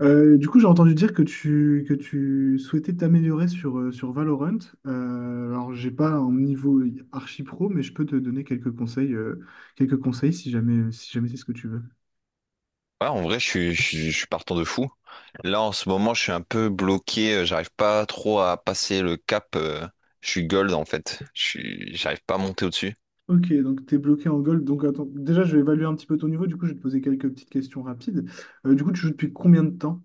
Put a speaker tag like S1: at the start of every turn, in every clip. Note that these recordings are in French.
S1: J'ai entendu dire que que tu souhaitais t'améliorer sur Valorant. J'ai pas un niveau archi pro, mais je peux te donner quelques conseils si jamais, si jamais c'est ce que tu veux.
S2: Ouais, en vrai, je suis partant de fou. Là, en ce moment, je suis un peu bloqué. J'arrive pas trop à passer le cap. Je suis gold, en fait. J'arrive pas à monter au-dessus.
S1: Ok, donc tu es bloqué en gold. Donc, attends, déjà, je vais évaluer un petit peu ton niveau. Du coup, je vais te poser quelques petites questions rapides. Tu joues depuis combien de temps?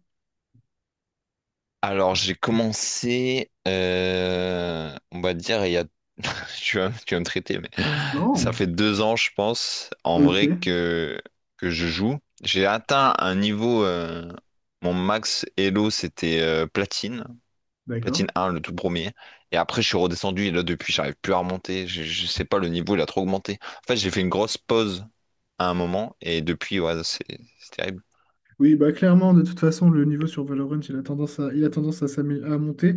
S2: Alors, j'ai commencé, on va dire, il y a, tu vas me traiter, mais
S1: Non.
S2: ça fait 2 ans, je pense, en
S1: Ok,
S2: vrai, que je joue. J'ai atteint un niveau, mon max Elo, c'était platine.
S1: d'accord.
S2: Platine 1, le tout premier. Et après, je suis redescendu et là, depuis, j'arrive plus à remonter. Je sais pas, le niveau, il a trop augmenté. En fait, j'ai fait une grosse pause à un moment et depuis, ouais, c'est terrible.
S1: Oui, bah clairement, de toute façon, le niveau sur Valorant, il a tendance à à monter,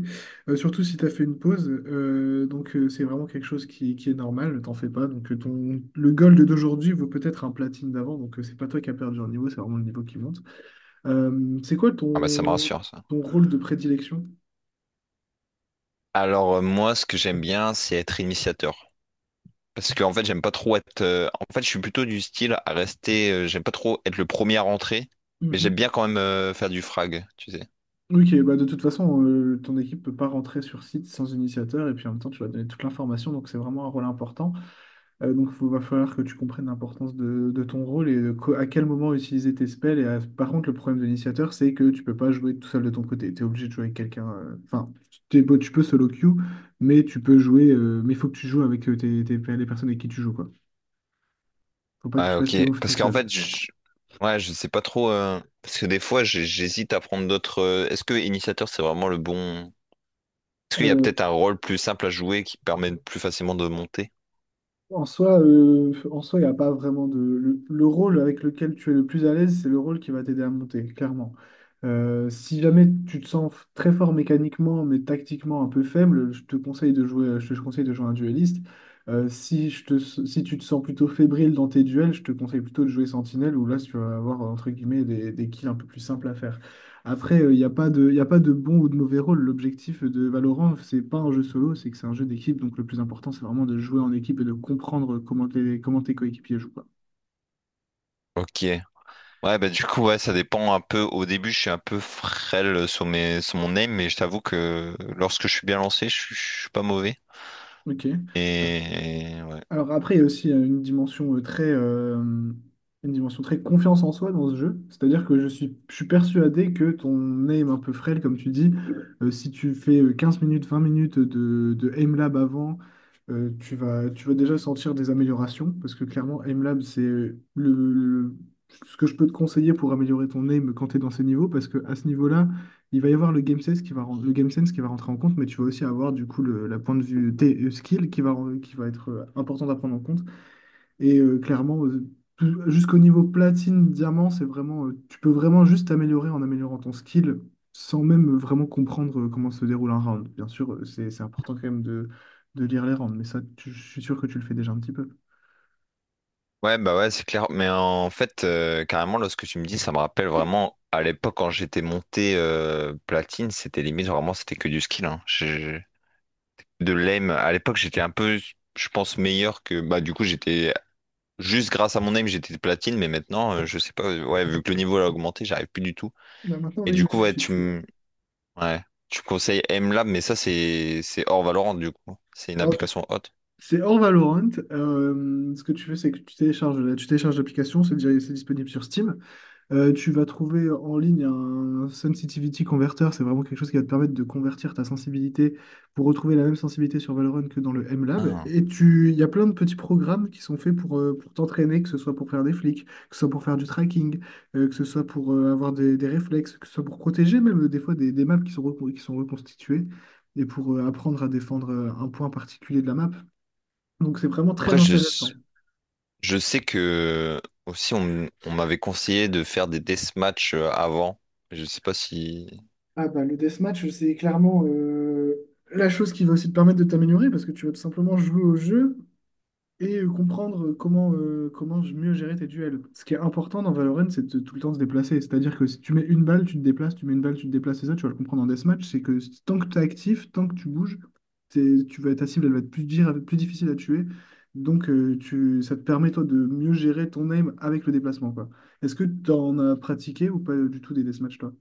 S1: surtout si tu as fait une pause. Donc, c'est vraiment quelque chose qui est normal, ne t'en fais pas. Donc, le gold d'aujourd'hui vaut peut-être un platine d'avant, donc c'est pas toi qui as perdu un niveau, c'est vraiment le niveau qui monte. Euh, c'est quoi
S2: Ah bah, ça me
S1: ton,
S2: rassure, ça.
S1: ton rôle de prédilection?
S2: Alors, moi, ce que j'aime bien, c'est être initiateur. Parce que en fait, j'aime pas trop être. En fait, je suis plutôt du style à rester. J'aime pas trop être le premier à rentrer, mais j'aime
S1: Mhm.
S2: bien quand même faire du frag, tu sais.
S1: Ok, bah de toute façon, ton équipe peut pas rentrer sur site sans initiateur, et puis en même temps, tu vas donner toute l'information, donc c'est vraiment un rôle important. Donc, il va falloir que tu comprennes l'importance de ton rôle et à quel moment utiliser tes spells. Par contre, le problème de l'initiateur, c'est que tu peux pas jouer tout seul de ton côté. Tu es obligé de jouer avec quelqu'un. Enfin, tu peux solo queue, mais tu peux jouer. Mais il faut que tu joues avec les personnes avec qui tu joues, quoi. Faut pas que tu
S2: Ouais,
S1: fasses
S2: ok.
S1: tes moves tout
S2: Parce qu'en
S1: seul.
S2: fait, je... ouais, je sais pas trop. Parce que des fois, j'hésite à prendre d'autres. Est-ce que initiateur, c'est vraiment le bon. Est-ce qu'il y a
S1: Euh,
S2: peut-être un rôle plus simple à jouer qui permet plus facilement de monter?
S1: En soi, il n'y a pas vraiment de... Le rôle avec lequel tu es le plus à l'aise, c'est le rôle qui va t'aider à monter, clairement. Si jamais tu te sens très fort mécaniquement, mais tactiquement un peu faible, je te conseille de jouer un dueliste. Si tu te sens plutôt fébrile dans tes duels, je te conseille plutôt de jouer Sentinelle, où là, tu vas avoir, entre guillemets, des kills un peu plus simples à faire. Après, il n'y a pas de, y a pas de bon ou de mauvais rôle. L'objectif de Valorant, c'est pas un jeu solo, c'est un jeu d'équipe. Donc le plus important, c'est vraiment de jouer en équipe et de comprendre comment tes coéquipiers jouent, quoi.
S2: Ok. Ouais, bah du coup, ouais, ça dépend un peu. Au début, je suis un peu frêle sur sur mon aim, mais je t'avoue que lorsque je suis bien lancé, je suis pas mauvais.
S1: Ok.
S2: Et et ouais.
S1: Alors après, il y a aussi une dimension une dimension très confiance en soi dans ce jeu. C'est-à-dire que je suis persuadé que ton aim un peu frêle, comme tu dis, si tu fais 15 minutes, 20 minutes de aim lab avant, tu vas déjà sentir des améliorations. Parce que clairement, aim lab, c'est ce que je peux te conseiller pour améliorer ton aim quand tu es dans ces niveaux. Parce que à ce niveau-là, il va y avoir le game sense qui va rentrer en compte, mais tu vas aussi avoir du coup le, la point de vue T- skill qui va être important à prendre en compte. Et clairement, jusqu'au niveau platine, diamant, c'est vraiment, tu peux vraiment juste t'améliorer en améliorant ton skill sans même vraiment comprendre comment se déroule un round. Bien sûr, c'est important quand même de lire les rounds, mais ça, je suis sûr que tu le fais déjà un petit peu.
S2: Ouais, bah ouais, c'est clair. Mais en fait, carrément, lorsque tu me dis, ça me rappelle vraiment à l'époque quand j'étais monté platine, c'était limite vraiment, c'était que du skill, hein. De l'aim. À l'époque, j'étais un peu, je pense, meilleur que. Bah, du coup, j'étais juste grâce à mon aim, j'étais platine, mais maintenant, je sais pas. Ouais, vu que le niveau a augmenté, j'arrive plus du tout.
S1: Bah, maintenant,
S2: Et
S1: là, il
S2: du
S1: me
S2: coup, ouais,
S1: suffit
S2: tu
S1: plus. Ouais.
S2: me Ouais. Tu conseilles MLab, mais ça, c'est hors Valorant, du coup. C'est une
S1: Alors,
S2: application haute.
S1: c'est hors Valorant. Ce que tu fais, c'est que tu télécharges l'application, c'est disponible sur Steam. Tu vas trouver en ligne un sensitivity converter, c'est vraiment quelque chose qui va te permettre de convertir ta sensibilité pour retrouver la même sensibilité sur Valorant que dans le MLab.
S2: Ah.
S1: Il y a plein de petits programmes qui sont faits pour t'entraîner, que ce soit pour faire des flics, que ce soit pour faire du tracking, que ce soit pour avoir des réflexes, que ce soit pour protéger même des fois des maps qui sont, qui sont reconstituées et pour apprendre à défendre un point particulier de la map. Donc c'est vraiment très
S2: Après,
S1: intéressant.
S2: je sais que aussi, on m'avait conseillé de faire des deathmatchs avant. Je sais pas si.
S1: Ah bah le deathmatch, c'est clairement la chose qui va aussi te permettre de t'améliorer parce que tu vas tout simplement jouer au jeu et comprendre comment mieux gérer tes duels. Ce qui est important dans Valorant, c'est de tout le temps se déplacer. C'est-à-dire que si tu mets une balle, tu te déplaces, tu mets une balle, tu te déplaces, et ça, tu vas le comprendre en deathmatch, c'est que si, tant que tu es actif, tant que tu bouges, ta cible, elle va être plus, dire, plus difficile à tuer. Donc ça te permet toi de mieux gérer ton aim avec le déplacement, quoi. Est-ce que tu en as pratiqué ou pas du tout des deathmatchs, toi?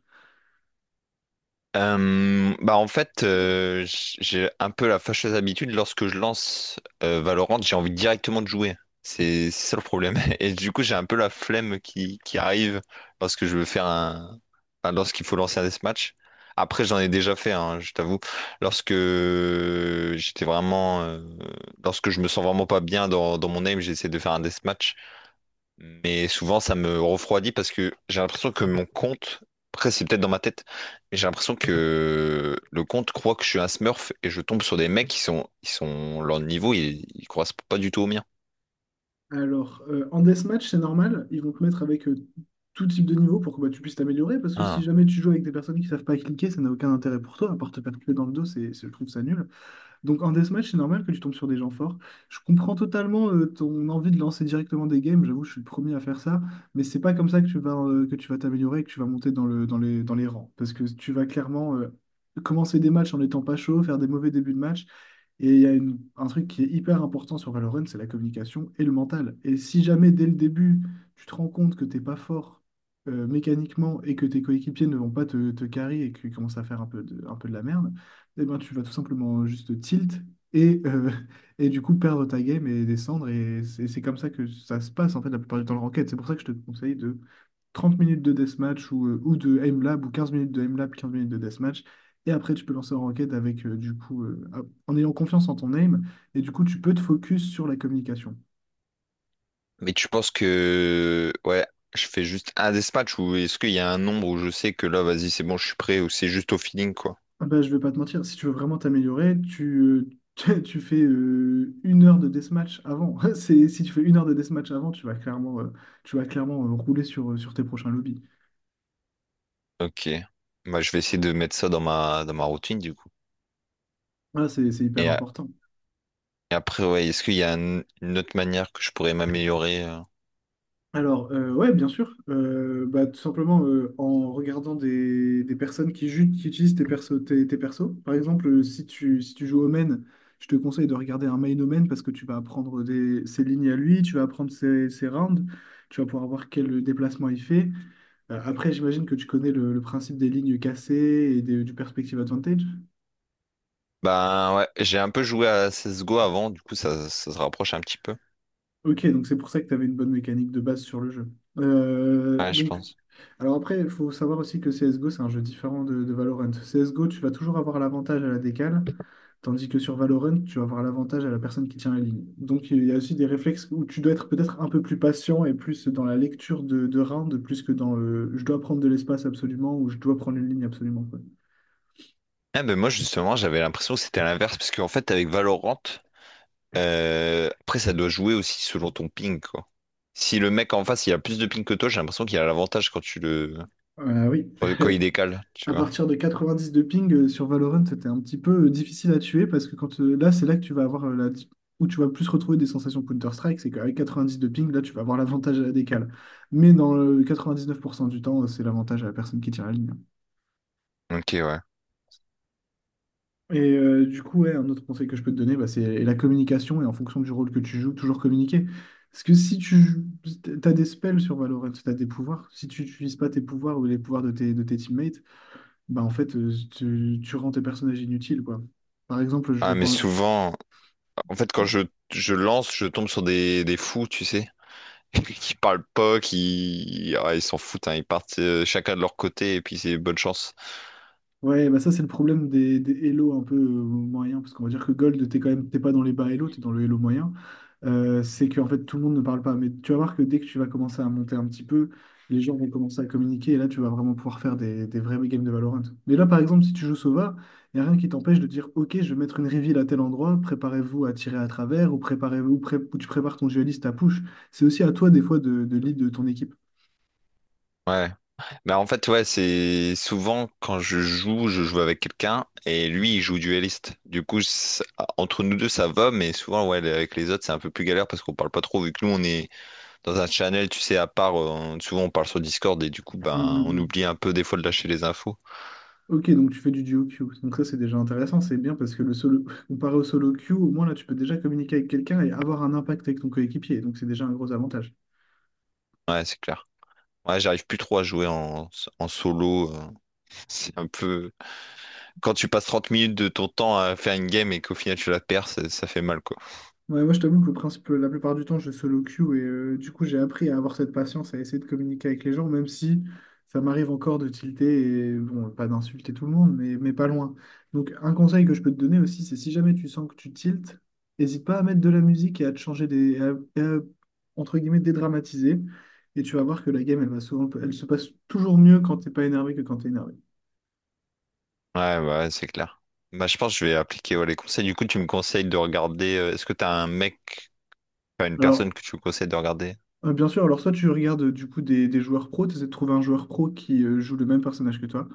S2: Bah en fait, j'ai un peu la fâcheuse habitude, lorsque je lance Valorant, j'ai envie directement de jouer. C'est ça le problème. Et du coup, j'ai un peu la flemme qui arrive lorsque je veux faire un... enfin, lorsqu'il faut lancer un deathmatch. Après, j'en ai déjà fait, hein, je t'avoue. Lorsque j'étais vraiment... Lorsque je me sens vraiment pas bien dans mon aim, j'essaie de faire un deathmatch. Mais souvent, ça me refroidit parce que j'ai l'impression que mon compte, après, c'est peut-être dans ma tête, mais j'ai l'impression que le compte croit que je suis un smurf et je tombe sur des mecs ils sont, leur niveau, ils correspondent pas du tout au mien.
S1: Alors, en deathmatch, c'est normal, ils vont te mettre avec tout type de niveau pour que bah, tu puisses t'améliorer, parce que si
S2: Ah.
S1: jamais tu joues avec des personnes qui savent pas cliquer, ça n'a aucun intérêt pour toi, à part te faire tuer dans le dos, je trouve ça nul. Donc en deathmatch, c'est normal que tu tombes sur des gens forts. Je comprends totalement ton envie de lancer directement des games, j'avoue, je suis le premier à faire ça, mais c'est pas comme ça que tu vas t'améliorer, et que tu vas monter dans dans les rangs, parce que tu vas clairement... Commencer des matchs en n'étant pas chaud, faire des mauvais débuts de match, et il y a un truc qui est hyper important sur Valorant, c'est la communication et le mental. Et si jamais dès le début, tu te rends compte que t'es pas fort mécaniquement et que tes coéquipiers ne vont pas te carry et qu'ils commencent à faire un peu de la merde, eh ben tu vas tout simplement juste tilt et et du coup perdre ta game et descendre. Et c'est comme ça que ça se passe en fait la plupart du temps le ranked. C'est pour ça que je te conseille de 30 minutes de deathmatch ou, ou de aimlab ou 15 minutes de aimlab, 15 minutes de deathmatch. Et après, tu peux lancer en ranked avec, en ayant confiance en ton aim. Et du coup, tu peux te focus sur la communication.
S2: Mais tu penses que, ouais, je fais juste un dispatch ou est-ce qu'il y a un nombre où je sais que là, vas-y, c'est bon, je suis prêt ou c'est juste au feeling, quoi?
S1: Ah bah, je vais pas te mentir, si tu veux vraiment t'améliorer, tu fais une heure de deathmatch avant. C'est, si tu fais une heure de deathmatch avant, tu vas clairement rouler sur, sur tes prochains lobbies.
S2: Ok. Bah, je vais essayer de mettre ça dans dans ma routine, du coup.
S1: Voilà, c'est hyper
S2: Et, a-
S1: important.
S2: et après, ouais, est-ce qu'il y a une autre manière que je pourrais m'améliorer? Euh?
S1: Alors, bien sûr. Bah, tout simplement en regardant des personnes qui utilisent tes persos, tes persos. Par exemple, si tu joues au je te conseille de regarder un main au parce que tu vas apprendre ses lignes à lui, tu vas apprendre ses rounds, tu vas pouvoir voir quel déplacement il fait. Après, j'imagine que tu connais le principe des lignes cassées et du perspective advantage.
S2: Ben ouais, j'ai un peu joué à CSGO avant, du coup ça, ça se rapproche un petit peu.
S1: Ok, donc c'est pour ça que tu avais une bonne mécanique de base sur le jeu. Euh,
S2: Ouais, je
S1: donc,
S2: pense.
S1: Alors après, il faut savoir aussi que CSGO, c'est un jeu différent de Valorant. CSGO, tu vas toujours avoir l'avantage à la décale, tandis que sur Valorant, tu vas avoir l'avantage à la personne qui tient la ligne. Donc il y a aussi des réflexes où tu dois être peut-être un peu plus patient et plus dans la lecture de round, plus que dans le je dois prendre de l'espace absolument ou je dois prendre une ligne absolument, quoi.
S2: Ah ben moi justement j'avais l'impression que c'était l'inverse, parce qu'en fait avec Valorant, après ça doit jouer aussi selon ton ping, quoi. Si le mec en face il a plus de ping que toi, j'ai l'impression qu'il a l'avantage quand tu le.
S1: Oui,
S2: Quand il décale, tu
S1: à
S2: vois.
S1: partir de 90 de ping sur Valorant, c'était un petit peu difficile à tuer parce que quand là, c'est là que tu vas avoir où tu vas plus retrouver des sensations Counter-Strike, c'est qu'avec 90 de ping, là, tu vas avoir l'avantage à la décale. Mais dans le 99% du temps, c'est l'avantage à la personne qui tire la ligne.
S2: Ok, ouais.
S1: Et un autre conseil que je peux te donner, bah, c'est la communication et en fonction du rôle que tu joues, toujours communiquer. Parce que si tu as des spells sur Valorant, tu as des pouvoirs, si tu n'utilises pas tes pouvoirs ou les pouvoirs de de tes teammates, bah en fait, tu rends tes personnages inutiles, quoi. Par exemple, je
S2: Ah
S1: vais
S2: mais
S1: prendre...
S2: souvent, en fait je lance, je tombe sur des fous, tu sais. Qui parlent pas, qui. Ah, ils s'en foutent, hein. Ils partent chacun de leur côté et puis c'est bonne chance.
S1: Ouais, bah ça, c'est le problème des Hello un peu moyens, parce qu'on va dire que Gold, t'es pas dans les bas Hello, t'es dans le Hello moyen. C'est qu'en fait, tout le monde ne parle pas. Mais tu vas voir que dès que tu vas commencer à monter un petit peu, les gens vont commencer à communiquer, et là, tu vas vraiment pouvoir faire des vrais games de Valorant. Mais là, par exemple, si tu joues Sova, il n'y a rien qui t'empêche de dire, OK, je vais mettre une reveal à tel endroit, préparez-vous à tirer à travers, ou ou tu prépares ton dueliste à push. C'est aussi à toi, des fois, de lead de ton équipe.
S2: Ouais. Bah en fait, ouais, c'est souvent quand je joue avec quelqu'un et lui, il joue dueliste. Du coup, entre nous deux, ça va, mais souvent, ouais, avec les autres, c'est un peu plus galère parce qu'on parle pas trop, vu que nous, on est dans un channel, tu sais, à part, souvent, on parle sur Discord et du coup,
S1: Mm,
S2: ben,
S1: mm,
S2: on
S1: mm.
S2: oublie un peu des fois de lâcher les infos.
S1: Ok, donc tu fais du duo queue. Donc ça, c'est déjà intéressant, c'est bien parce que le solo, comparé au solo queue, au moins là, tu peux déjà communiquer avec quelqu'un et avoir un impact avec ton coéquipier. Donc c'est déjà un gros avantage.
S2: Ouais, c'est clair. Ouais, j'arrive plus trop à jouer en solo. C'est un peu. Quand tu passes 30 minutes de ton temps à faire une game et qu'au final tu la perds, ça fait mal, quoi.
S1: Ouais, moi, je t'avoue que le principe, la plupart du temps, je solo queue et du coup, j'ai appris à avoir cette patience, à essayer de communiquer avec les gens, même si ça m'arrive encore de tilter et bon, pas d'insulter tout le monde, mais pas loin. Donc, un conseil que je peux te donner aussi, c'est si jamais tu sens que tu tiltes, n'hésite pas à mettre de la musique et à te changer des, et à, entre guillemets, dédramatiser. Et tu vas voir que la game, elle se passe toujours mieux quand t'es pas énervé que quand t'es énervé.
S2: Ouais, bah, ouais, c'est clair. Bah, je pense que je vais appliquer ouais, les conseils. Du coup, tu me conseilles de regarder. Est-ce que t'as un mec, enfin une
S1: Alors,
S2: personne que tu me conseilles de regarder?
S1: Bien sûr, alors soit tu regardes des joueurs pro, tu essaies de trouver un joueur pro qui joue le même personnage que toi,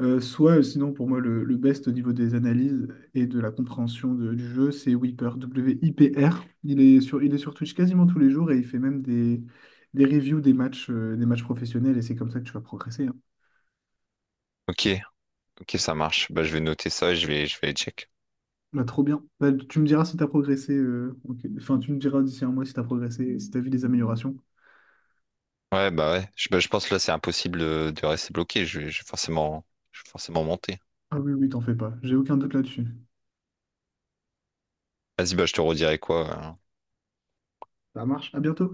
S1: Soit, sinon pour moi le best au niveau des analyses et de la compréhension du jeu, c'est Wiper, W-I-P-R. Il est sur Twitch quasiment tous les jours et il fait même des reviews des matchs professionnels et c'est comme ça que tu vas progresser, hein.
S2: Ok, ok, ça marche. Bah, je vais noter ça et je vais les check.
S1: Bah, trop bien. Bah, tu me diras si tu as progressé, ok. Enfin tu me diras d'ici un mois si tu as progressé, si tu as vu des améliorations.
S2: Ouais, bah ouais. Je pense que là, c'est impossible de rester bloqué. Je vais forcément monter.
S1: Ah oui, oui, t'en fais pas, j'ai aucun doute là-dessus.
S2: Vas-y, bah, je te redirai quoi.
S1: Ça marche, à bientôt.